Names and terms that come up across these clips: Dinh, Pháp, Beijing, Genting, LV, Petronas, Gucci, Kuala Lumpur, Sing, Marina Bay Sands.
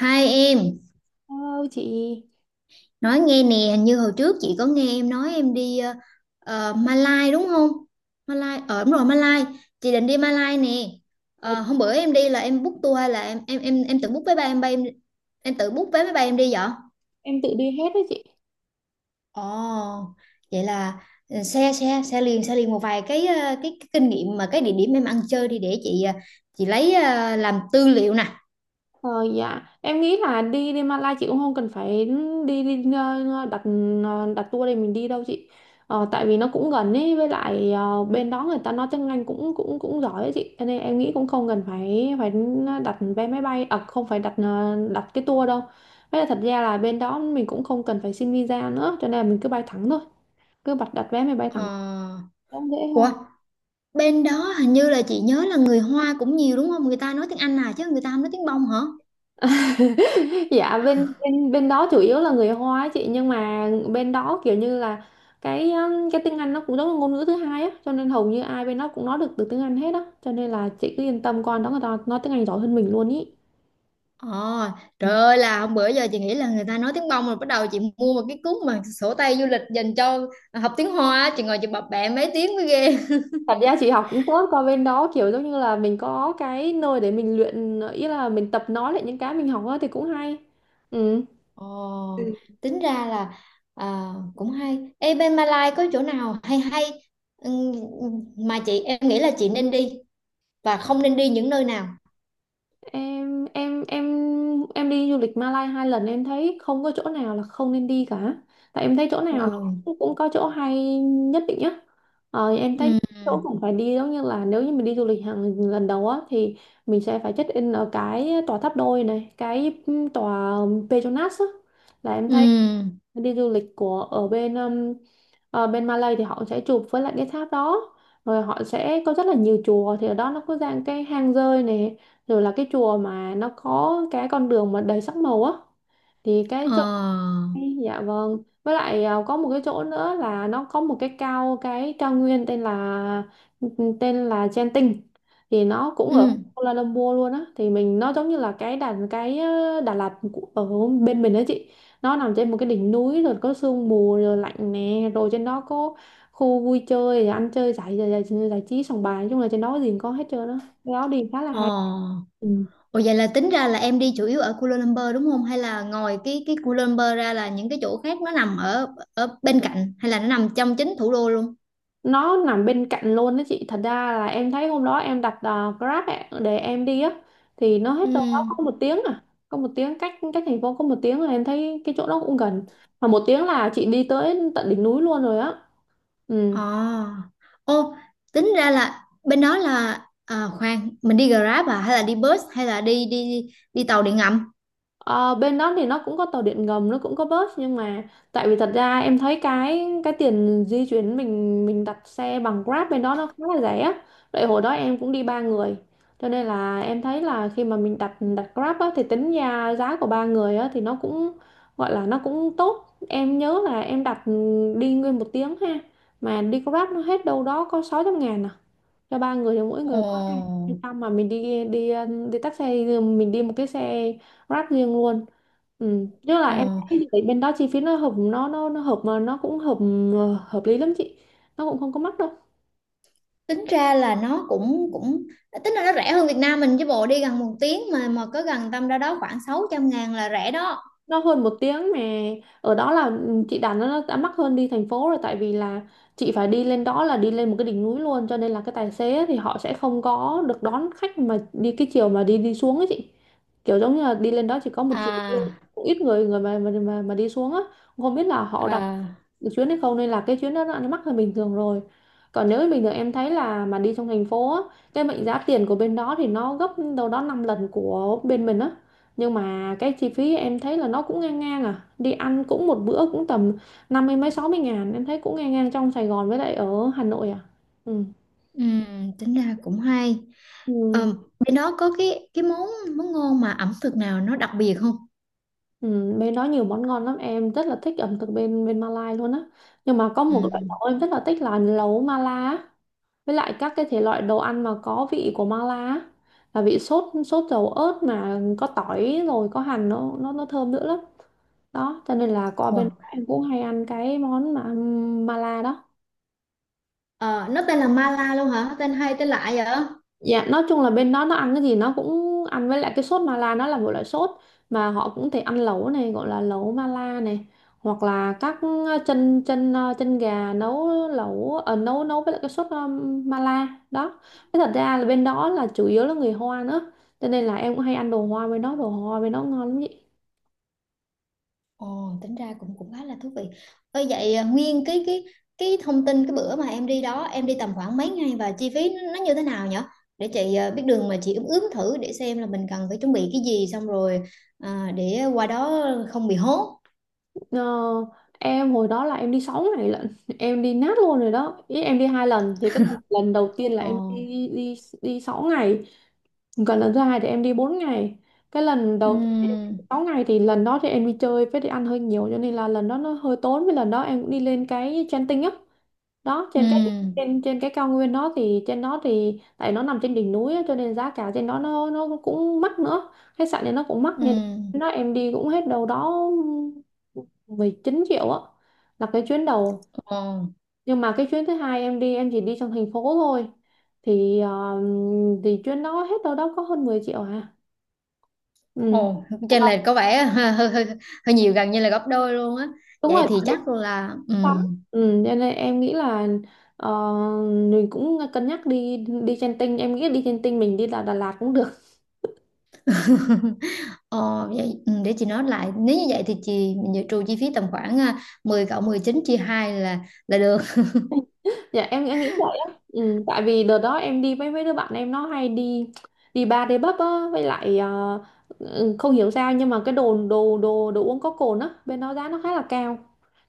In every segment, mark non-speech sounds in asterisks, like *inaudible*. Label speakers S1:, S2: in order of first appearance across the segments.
S1: Hai em,
S2: Hello chị.
S1: nói nghe nè, như hồi trước chị có nghe em nói em đi Malai đúng không? Malai, ở đúng rồi Malai, chị định đi Malai nè.
S2: Ủa,
S1: Ờ, hôm bữa em đi là em book tour hay là em tự book vé bay em tự book vé máy bay em đi vậy?
S2: em tự đi hết đó chị.
S1: Ồ, vậy là ừ, xe xe xe liền một vài cái cái kinh nghiệm mà cái địa điểm em ăn chơi đi để chị chị lấy làm tư liệu nè.
S2: Ờ dạ, em nghĩ là đi đi Malai chị cũng không cần phải đi, đi ờ, đặt tour để mình đi đâu chị. Tại vì nó cũng gần ấy, với lại bên đó người ta nói tiếng Anh cũng cũng cũng giỏi ấy chị. Cho nên em nghĩ cũng không cần phải phải đặt vé máy bay, à không phải đặt cái tour đâu. Với lại thật ra là bên đó mình cũng không cần phải xin visa nữa, cho nên là mình cứ bay thẳng thôi, cứ bật đặt vé máy bay thẳng.
S1: Ờ,
S2: Cũng dễ
S1: ủa
S2: hơn.
S1: bên đó hình như là chị nhớ là người Hoa cũng nhiều đúng không, người ta nói tiếng Anh à, chứ người ta không nói tiếng bông hả?
S2: *laughs* Dạ, bên bên bên đó chủ yếu là người Hoa á chị, nhưng mà bên đó kiểu như là cái tiếng Anh nó cũng giống là ngôn ngữ thứ hai á, cho nên hầu như ai bên đó cũng nói được từ tiếng Anh hết á. Cho nên là chị cứ yên tâm, con đó người ta nói tiếng Anh giỏi hơn mình luôn ý.
S1: Ồ,
S2: Ừ,
S1: trời ơi, là hôm bữa giờ chị nghĩ là người ta nói tiếng bông rồi bắt đầu chị mua một cái cuốn mà sổ tay du lịch dành cho học tiếng Hoa á, chị ngồi chị bập bẹ mấy tiếng mới ghê.
S2: thật ra chị học cũng tốt, qua bên đó kiểu giống như là mình có cái nơi để mình luyện ý, là mình tập nói lại những cái mình học á thì cũng hay. Ừ.
S1: Ồ, tính ra là à, cũng hay. Ê, bên Malai có chỗ nào hay hay ừm, mà chị em nghĩ là chị nên đi và không nên đi những nơi nào?
S2: em em em em đi du lịch Malai hai lần, em thấy không có chỗ nào là không nên đi cả, tại em thấy chỗ nào nó
S1: Wow.
S2: cũng cũng có chỗ hay nhất định nhá. Em thấy
S1: Ừ.
S2: chỗ cũng phải đi, giống như là nếu như mình đi du lịch hàng lần đầu á thì mình sẽ phải check in ở cái tòa tháp đôi này, cái tòa Petronas á. Là em thấy
S1: Ừ.
S2: đi du lịch của ở bên Malay thì họ sẽ chụp với lại cái tháp đó, rồi họ sẽ có rất là nhiều chùa. Thì ở đó nó có dạng cái hang rơi này, rồi là cái chùa mà nó có cái con đường mà đầy sắc màu á, thì cái
S1: Ờ.
S2: chỗ. Dạ vâng. Với lại à, có một cái chỗ nữa là nó có một cái cao nguyên tên là Genting, thì nó cũng ở
S1: Ừ.
S2: Kuala Lumpur luôn á, thì mình nó giống như là cái Đà cái ờ, Đà Lạt ở bên mình đó chị. Nó nằm trên một cái đỉnh núi rồi có sương mù rồi lạnh nè, rồi trên đó có khu vui chơi rồi ăn chơi giải trí sòng bài, nói chung là trên đó có gì cũng có hết trơn á. Cái đó đi khá là
S1: Ờ.
S2: hay. Ừ,
S1: Ủa vậy là tính ra là em đi chủ yếu ở Kuala Lumpur đúng không? Hay là ngoài cái Kuala Lumpur ra là những cái chỗ khác nó nằm ở ở bên cạnh hay là nó nằm trong chính thủ đô luôn?
S2: nó nằm bên cạnh luôn đó chị. Thật ra là em thấy hôm đó em đặt Grab ạ, để em đi á, thì nó hết
S1: Ừ.
S2: đâu đó có một tiếng à, có một tiếng cách cách thành phố có một tiếng, rồi em thấy cái chỗ đó cũng gần, mà một tiếng là chị đi tới tận đỉnh núi luôn rồi á. Ừ.
S1: Ồ. Ô, tính ra là bên đó là à, khoan, mình đi Grab à hay là đi bus hay là đi đi đi tàu điện ngầm?
S2: Ờ, bên đó thì nó cũng có tàu điện ngầm, nó cũng có bus, nhưng mà tại vì thật ra em thấy cái tiền di chuyển, mình đặt xe bằng Grab bên đó nó khá là rẻ á. Tại hồi đó em cũng đi ba người, cho nên là em thấy là khi mà mình đặt đặt Grab á, thì tính ra giá của ba người á, thì nó cũng gọi là nó cũng tốt. Em nhớ là em đặt đi nguyên một tiếng ha, mà đi Grab nó hết đâu đó có 600 ngàn à, cho ba người thì mỗi người có hai
S1: Ồ.
S2: trăm, mà mình đi đi ờ, đi taxi, mình đi một cái xe Grab riêng luôn. Ừ, chứ là em
S1: Ồ,
S2: thấy thì bên đó chi phí nó hợp, nó hợp, mà nó cũng hợp hợp lý lắm chị, nó cũng không có mắc đâu.
S1: tính ra là nó cũng cũng tính là nó rẻ hơn Việt Nam mình chứ bộ, đi gần một tiếng mà có gần tâm ra đó khoảng 600 ngàn là rẻ đó.
S2: Nó hơn một tiếng mà ở đó là ừ, chị đặt nó đã mắc hơn đi thành phố rồi. Tại vì là chị phải đi lên đó là đi lên một cái đỉnh núi luôn, cho nên là cái tài xế ấy thì họ sẽ không có được đón khách mà đi cái chiều mà đi đi xuống ấy chị. Kiểu giống như là đi lên đó chỉ có một chiều đi
S1: À,
S2: lên, cũng ít người người mà đi xuống á, không biết là họ đặt
S1: à.
S2: được chuyến hay không, nên là cái chuyến đó nó mắc hơn bình thường rồi. Còn nếu bình thường em thấy là mà đi trong thành phố á, cái mệnh giá tiền của bên đó thì nó gấp đâu đó 5 lần của bên mình á, nhưng mà cái chi phí em thấy là nó cũng ngang ngang à. Đi ăn cũng một bữa cũng tầm năm mươi mấy sáu mươi ngàn, em thấy cũng ngang ngang trong Sài Gòn với lại ở Hà Nội à. Ừ.
S1: Ừ, tính ra cũng hay.
S2: Ừ.
S1: Ờ, bên đó có cái món món ngon mà ẩm thực nào nó đặc biệt không?
S2: Ừ. Bên đó nhiều món ngon lắm, em rất là thích ẩm thực bên bên Malai luôn á, nhưng mà có
S1: Ừ.
S2: một loại lẩu em rất là thích là lẩu Mala á. Với lại các cái thể loại đồ ăn mà có vị của mala á, là vị sốt sốt dầu ớt mà có tỏi rồi có hành, nó thơm nữa lắm đó. Cho nên là qua bên
S1: Wow.
S2: đó em cũng hay ăn cái món mà mala đó.
S1: Ờ, nó tên là Mala luôn hả? Tên hay tên lạ vậy?
S2: Dạ, nói chung là bên đó nó ăn cái gì nó cũng ăn với lại cái sốt mala. Nó là một loại sốt mà họ cũng thể ăn lẩu này, gọi là lẩu mala này, hoặc là các ờ, chân chân ờ, chân gà nấu lẩu nấu nấu với lại cái sốt mala đó. Thế thật ra là bên đó là chủ yếu là người Hoa nữa, cho nên là em cũng hay ăn đồ Hoa bên đó. Đồ Hoa bên đó ngon lắm vậy.
S1: Ồ, tính ra cũng cũng khá là thú vị. Ơ vậy à, nguyên cái thông tin cái bữa mà em đi đó, em đi tầm khoảng mấy ngày và chi phí nó như thế nào nhỉ? Để chị à, biết đường mà chị ướm ướm thử để xem là mình cần phải chuẩn bị cái gì, xong rồi à, để qua đó không bị hốt.
S2: Ờ, em hồi đó là em đi 6 ngày lận, *laughs* em đi nát luôn rồi đó ý. Em đi hai lần thì cái lần đầu tiên là
S1: Ồ.
S2: em đi đi đi 6 ngày, còn lần thứ hai thì em đi 4 ngày. Cái lần đầu tiên
S1: Ừ.
S2: 6 ngày thì lần đó thì em đi chơi với đi ăn hơi nhiều, cho nên là lần đó nó hơi tốn. Với lần đó em cũng đi lên cái Genting á, đó
S1: Ừ.
S2: trên cái trên trên cái cao nguyên đó. Thì trên đó thì tại nó nằm trên đỉnh núi á, cho nên giá cả trên đó nó cũng mắc nữa, khách sạn thì nó cũng mắc,
S1: Ừ.
S2: nên nó em đi cũng hết đâu đó 19 triệu á, là cái chuyến đầu.
S1: Ồ.
S2: Nhưng mà cái chuyến thứ hai em đi em chỉ đi trong thành phố thôi, thì ờ, thì chuyến đó hết đâu đó có hơn 10 triệu à. Ừ.
S1: Ồ, trên là có vẻ hơi nhiều, gần như là gấp đôi luôn á.
S2: Đúng
S1: Vậy
S2: rồi,
S1: thì
S2: giờ
S1: chắc là
S2: lắm.
S1: ừm.
S2: Ừ, cho nên em nghĩ là ờ, mình cũng cân nhắc đi. Đi trên tinh em nghĩ đi trên tinh mình đi Đà Lạt cũng được.
S1: *laughs* Ờ, vậy, ừ, để chị nói lại, nếu như vậy thì chị mình dự trù chi phí tầm khoảng à, 10 cộng 19 chia 2 là được.
S2: *laughs* Dạ, em nghĩ vậy á. Ừ, tại vì đợt đó em đi với mấy đứa bạn em nó hay đi đi bar đi pub á, với lại ừ, không hiểu sao, nhưng mà cái đồ đồ đồ đồ uống có cồn á bên đó giá nó khá là cao.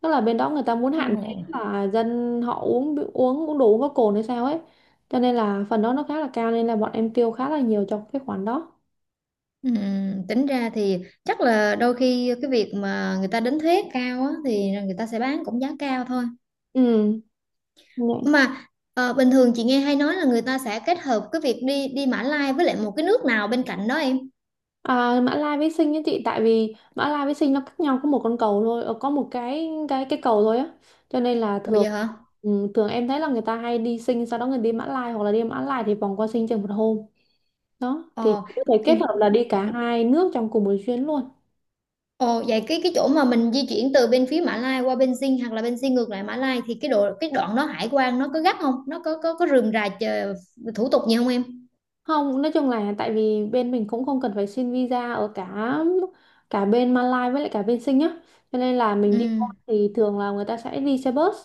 S2: Tức là bên đó người ta muốn hạn chế
S1: Ồ.
S2: là dân họ uống uống uống đồ uống có cồn hay sao ấy, cho nên là phần đó nó khá là cao, nên là bọn em tiêu khá là nhiều cho cái khoản đó.
S1: Tính ra thì chắc là đôi khi cái việc mà người ta đánh thuế cao á, thì người ta sẽ bán cũng giá cao thôi
S2: Ừ, nhỉ.
S1: mà. Ờ, bình thường chị nghe hay nói là người ta sẽ kết hợp cái việc đi đi Mã Lai với lại một cái nước nào bên cạnh đó em.
S2: À, Mã Lai với Sinh á chị, tại vì Mã Lai với Sinh nó cách nhau có một con cầu thôi, có một cái cầu thôi á, cho nên là
S1: Ủa
S2: thường
S1: vậy hả?
S2: ừ, thường em thấy là người ta hay đi Sinh sau đó người đi Mã Lai, hoặc là đi Mã Lai thì vòng qua Sinh chừng một hôm, đó thì
S1: Ờ.
S2: chị có thể kết hợp là đi cả hai nước trong cùng một chuyến luôn.
S1: Ồ, vậy cái chỗ mà mình di chuyển từ bên phía Mã Lai qua bên Dinh hoặc là bên Dinh ngược lại Mã Lai thì cái độ cái đoạn đó hải quan nó có gắt không? Nó có có rườm rà chờ, thủ tục gì không em?
S2: Không, nói chung là tại vì bên mình cũng không cần phải xin visa ở cả cả bên Malaysia với lại cả bên Sing nhá. Cho nên là mình
S1: Ừ,
S2: đi qua thì thường là người ta sẽ đi xe bus.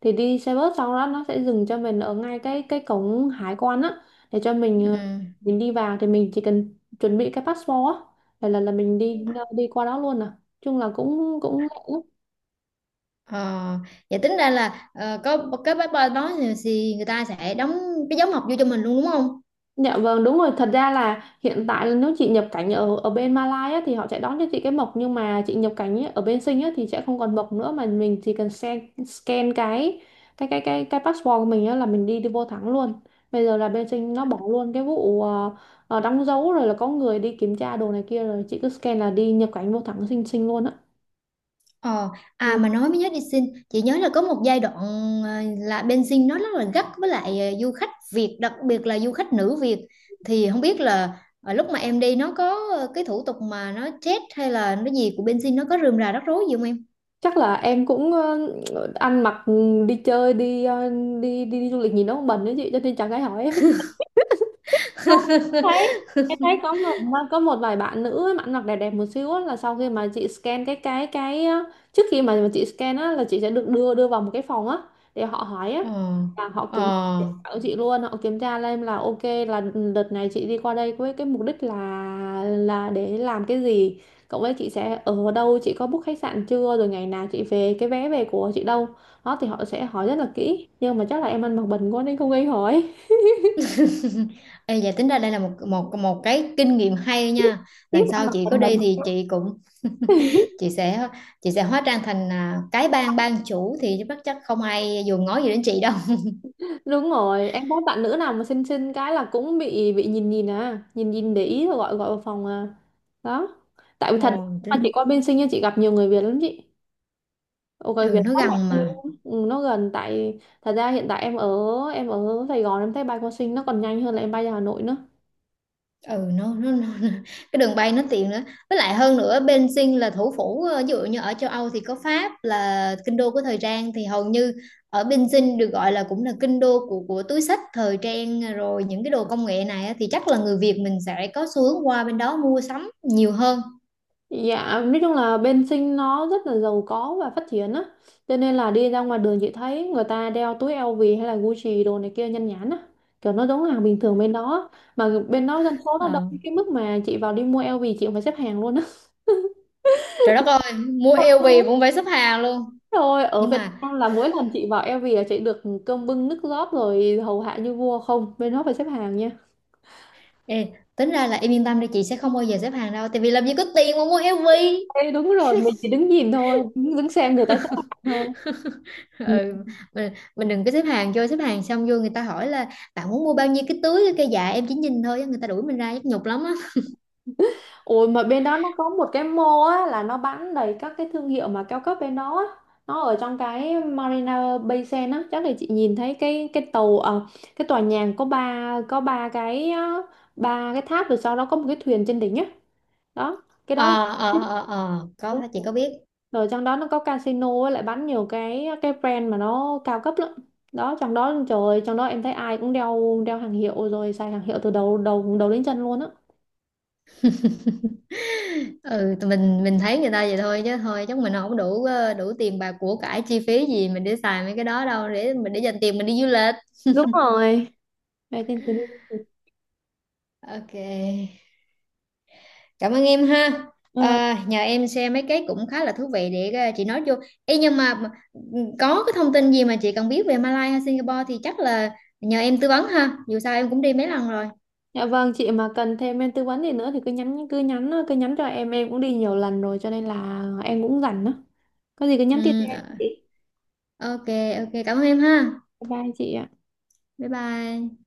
S2: Thì đi xe bus sau đó nó sẽ dừng cho mình ở ngay cái cổng hải quan á, để cho mình
S1: ừ.
S2: mình đi vào thì mình chỉ cần chuẩn bị cái passport á, là mình đi đi qua đó luôn à. Chung là cũng cũng lẹ lắm.
S1: Ờ, vậy tính ra là ờ, có cái passport đó thì người ta sẽ đóng cái dấu mộc vô cho mình luôn đúng không?
S2: Dạ vâng, đúng rồi. Thật ra là hiện tại là nếu chị nhập cảnh ở ở bên Malaysia á, thì họ sẽ đón cho chị cái mộc, nhưng mà chị nhập cảnh ấy, ở bên Sing á, thì sẽ không còn mộc nữa mà mình chỉ cần scan, scan cái passport của mình á, là mình đi đi vô thẳng luôn. Bây giờ là bên Sing nó bỏ luôn cái vụ đóng dấu rồi là có người đi kiểm tra đồ này kia, rồi chị cứ scan là đi nhập cảnh vô thẳng Sing Sing luôn á.
S1: Ờ, à
S2: Ừ,
S1: mà nói mới nhớ, đi xin chị nhớ là có một giai đoạn ờ, là bên Sing nó rất là gắt với lại ờ, du khách Việt, đặc biệt là du khách nữ Việt, thì không biết là ờ, lúc mà em đi nó có ờ, cái thủ tục mà nó chết hay là nó gì của bên Sing, nó có rườm rà rắc rối gì không em?
S2: chắc là em cũng ăn mặc, ừ, đi chơi, đi, đi du lịch nhìn nó cũng bẩn đấy chị, cho nên chẳng ai hỏi em. Không, thấy em thấy có một vài bạn nữ ấy, bạn mặc đẹp đẹp một xíu á, là sau khi mà chị scan cái trước khi mà chị scan á, là chị sẽ được đưa đưa vào một cái phòng á để họ hỏi á,
S1: Ờ.
S2: là họ kiểm tra
S1: Ờ.
S2: của chị luôn. Họ kiểm tra lên là ok, là đợt này chị đi qua đây với cái mục đích là để làm cái gì, cộng với chị sẽ ở đâu, chị có book khách sạn chưa, rồi ngày nào chị về, cái vé về của chị đâu. Đó thì họ sẽ hỏi rất là kỹ, nhưng mà chắc là em ăn mặc bẩn quá nên không gây hỏi.
S1: *laughs* Ê, dạ tính ra đây là một một một cái kinh nghiệm hay nha.
S2: *laughs* Tiếp
S1: Lần
S2: ăn
S1: sau chị có
S2: mặc
S1: đi
S2: bẩn.
S1: thì chị cũng *laughs* chị sẽ chị sẽ hóa trang thành à, cái bang bang chủ thì chắc chắc không ai dùng ngó gì đến chị đâu.
S2: Đúng rồi, em có bạn nữ nào mà xinh xinh cái là cũng bị nhìn nhìn à, nhìn nhìn để ý rồi gọi gọi vào phòng à. Đó. Tại vì
S1: Ờ,
S2: thật mà chị qua bên Sinh nha, chị gặp nhiều người Việt lắm chị. Ồ, người Việt
S1: ừ nó
S2: lắm
S1: gần
S2: mà.
S1: mà.
S2: Ừ, nó gần. Tại thật ra hiện tại em ở, em ở Sài Gòn, em thấy bay qua Sinh nó còn nhanh hơn là em bay ra Hà Nội nữa.
S1: ừ nó, nó, nó nó- cái đường bay nó tiện nữa, với lại hơn nữa Beijing là thủ phủ ờ, ví dụ như ở châu Âu thì có Pháp là kinh đô của thời trang, thì hầu như ở Beijing được gọi là cũng là kinh đô của túi xách thời trang rồi những cái đồ công nghệ này á, thì chắc là người Việt mình sẽ có xu hướng qua bên đó mua sắm nhiều hơn.
S2: Dạ, nói chung là bên Sinh nó rất là giàu có và phát triển á. Cho nên là đi ra ngoài đường chị thấy người ta đeo túi LV hay là Gucci đồ này kia nhan nhản á. Kiểu nó giống hàng bình thường bên đó. Mà bên đó dân số nó đông
S1: Ờ,
S2: đến cái mức mà chị vào đi mua LV chị cũng phải xếp hàng luôn á.
S1: trời đất ơi, mua LV cũng phải xếp hàng luôn.
S2: Rồi *laughs* ở
S1: Nhưng
S2: Việt
S1: mà
S2: Nam là mỗi lần chị vào LV là chị được cơm bưng nước rót rồi hầu hạ như vua không? Bên đó phải xếp hàng nha.
S1: ê, tính ra là em yên tâm đi, chị sẽ không bao giờ xếp hàng đâu tại vì làm gì có tiền mà mua LV.
S2: Ê, đúng rồi, mình chỉ đứng nhìn thôi, đứng xem người ta xếp hàng thôi. Ừ.
S1: Ừ, mình đừng có xếp hàng, vô xếp hàng xong vô người ta hỏi là bạn muốn mua bao nhiêu cái túi, cái dạ em chỉ nhìn thôi á, người ta đuổi mình ra nhức nhục lắm á.
S2: Ôi, mà bên đó nó có một cái mall á, là nó bán đầy các cái thương hiệu mà cao cấp bên đó á. Nó ở trong cái Marina Bay Sands á, chắc là chị nhìn thấy cái tàu, cái tòa nhà có ba cái, ba cái tháp rồi sau đó có một cái thuyền trên đỉnh á. Đó, cái đó là.
S1: Ờ có
S2: Đúng
S1: chị
S2: rồi.
S1: có biết.
S2: Rồi trong đó nó có casino á, lại bán nhiều cái brand mà nó cao cấp lắm. Đó, trong đó trời ơi, trong đó em thấy ai cũng đeo đeo hàng hiệu rồi xài hàng hiệu từ đầu đầu đầu đến chân luôn á.
S1: Ừ tụi mình thấy người ta vậy thôi chứ thôi chắc mình không đủ ờ, đủ tiền bạc của cải chi phí gì mình để xài mấy cái đó đâu, để mình để dành tiền mình đi du lịch.
S2: Đúng rồi. Đây, tin- tin-
S1: Ok, cảm ơn em ha.
S2: Ừ.
S1: À, nhờ em share mấy cái cũng khá là thú vị để ờ, chị nói vô. Ê, nhưng ừ, có cái thông tin gì mà chị cần biết về Malaysia hay Singapore thì chắc là nhờ em tư vấn ha. Dù sao em cũng đi mấy lần rồi.
S2: Dạ vâng, chị mà cần thêm em tư vấn gì nữa thì cứ nhắn cho em cũng đi nhiều lần rồi cho nên là em cũng rảnh đó. Có gì cứ nhắn
S1: Ừ,
S2: tin cho em chị.
S1: ờ, ok. Cảm ơn em ha.
S2: Bye bye chị ạ.
S1: Bye bye.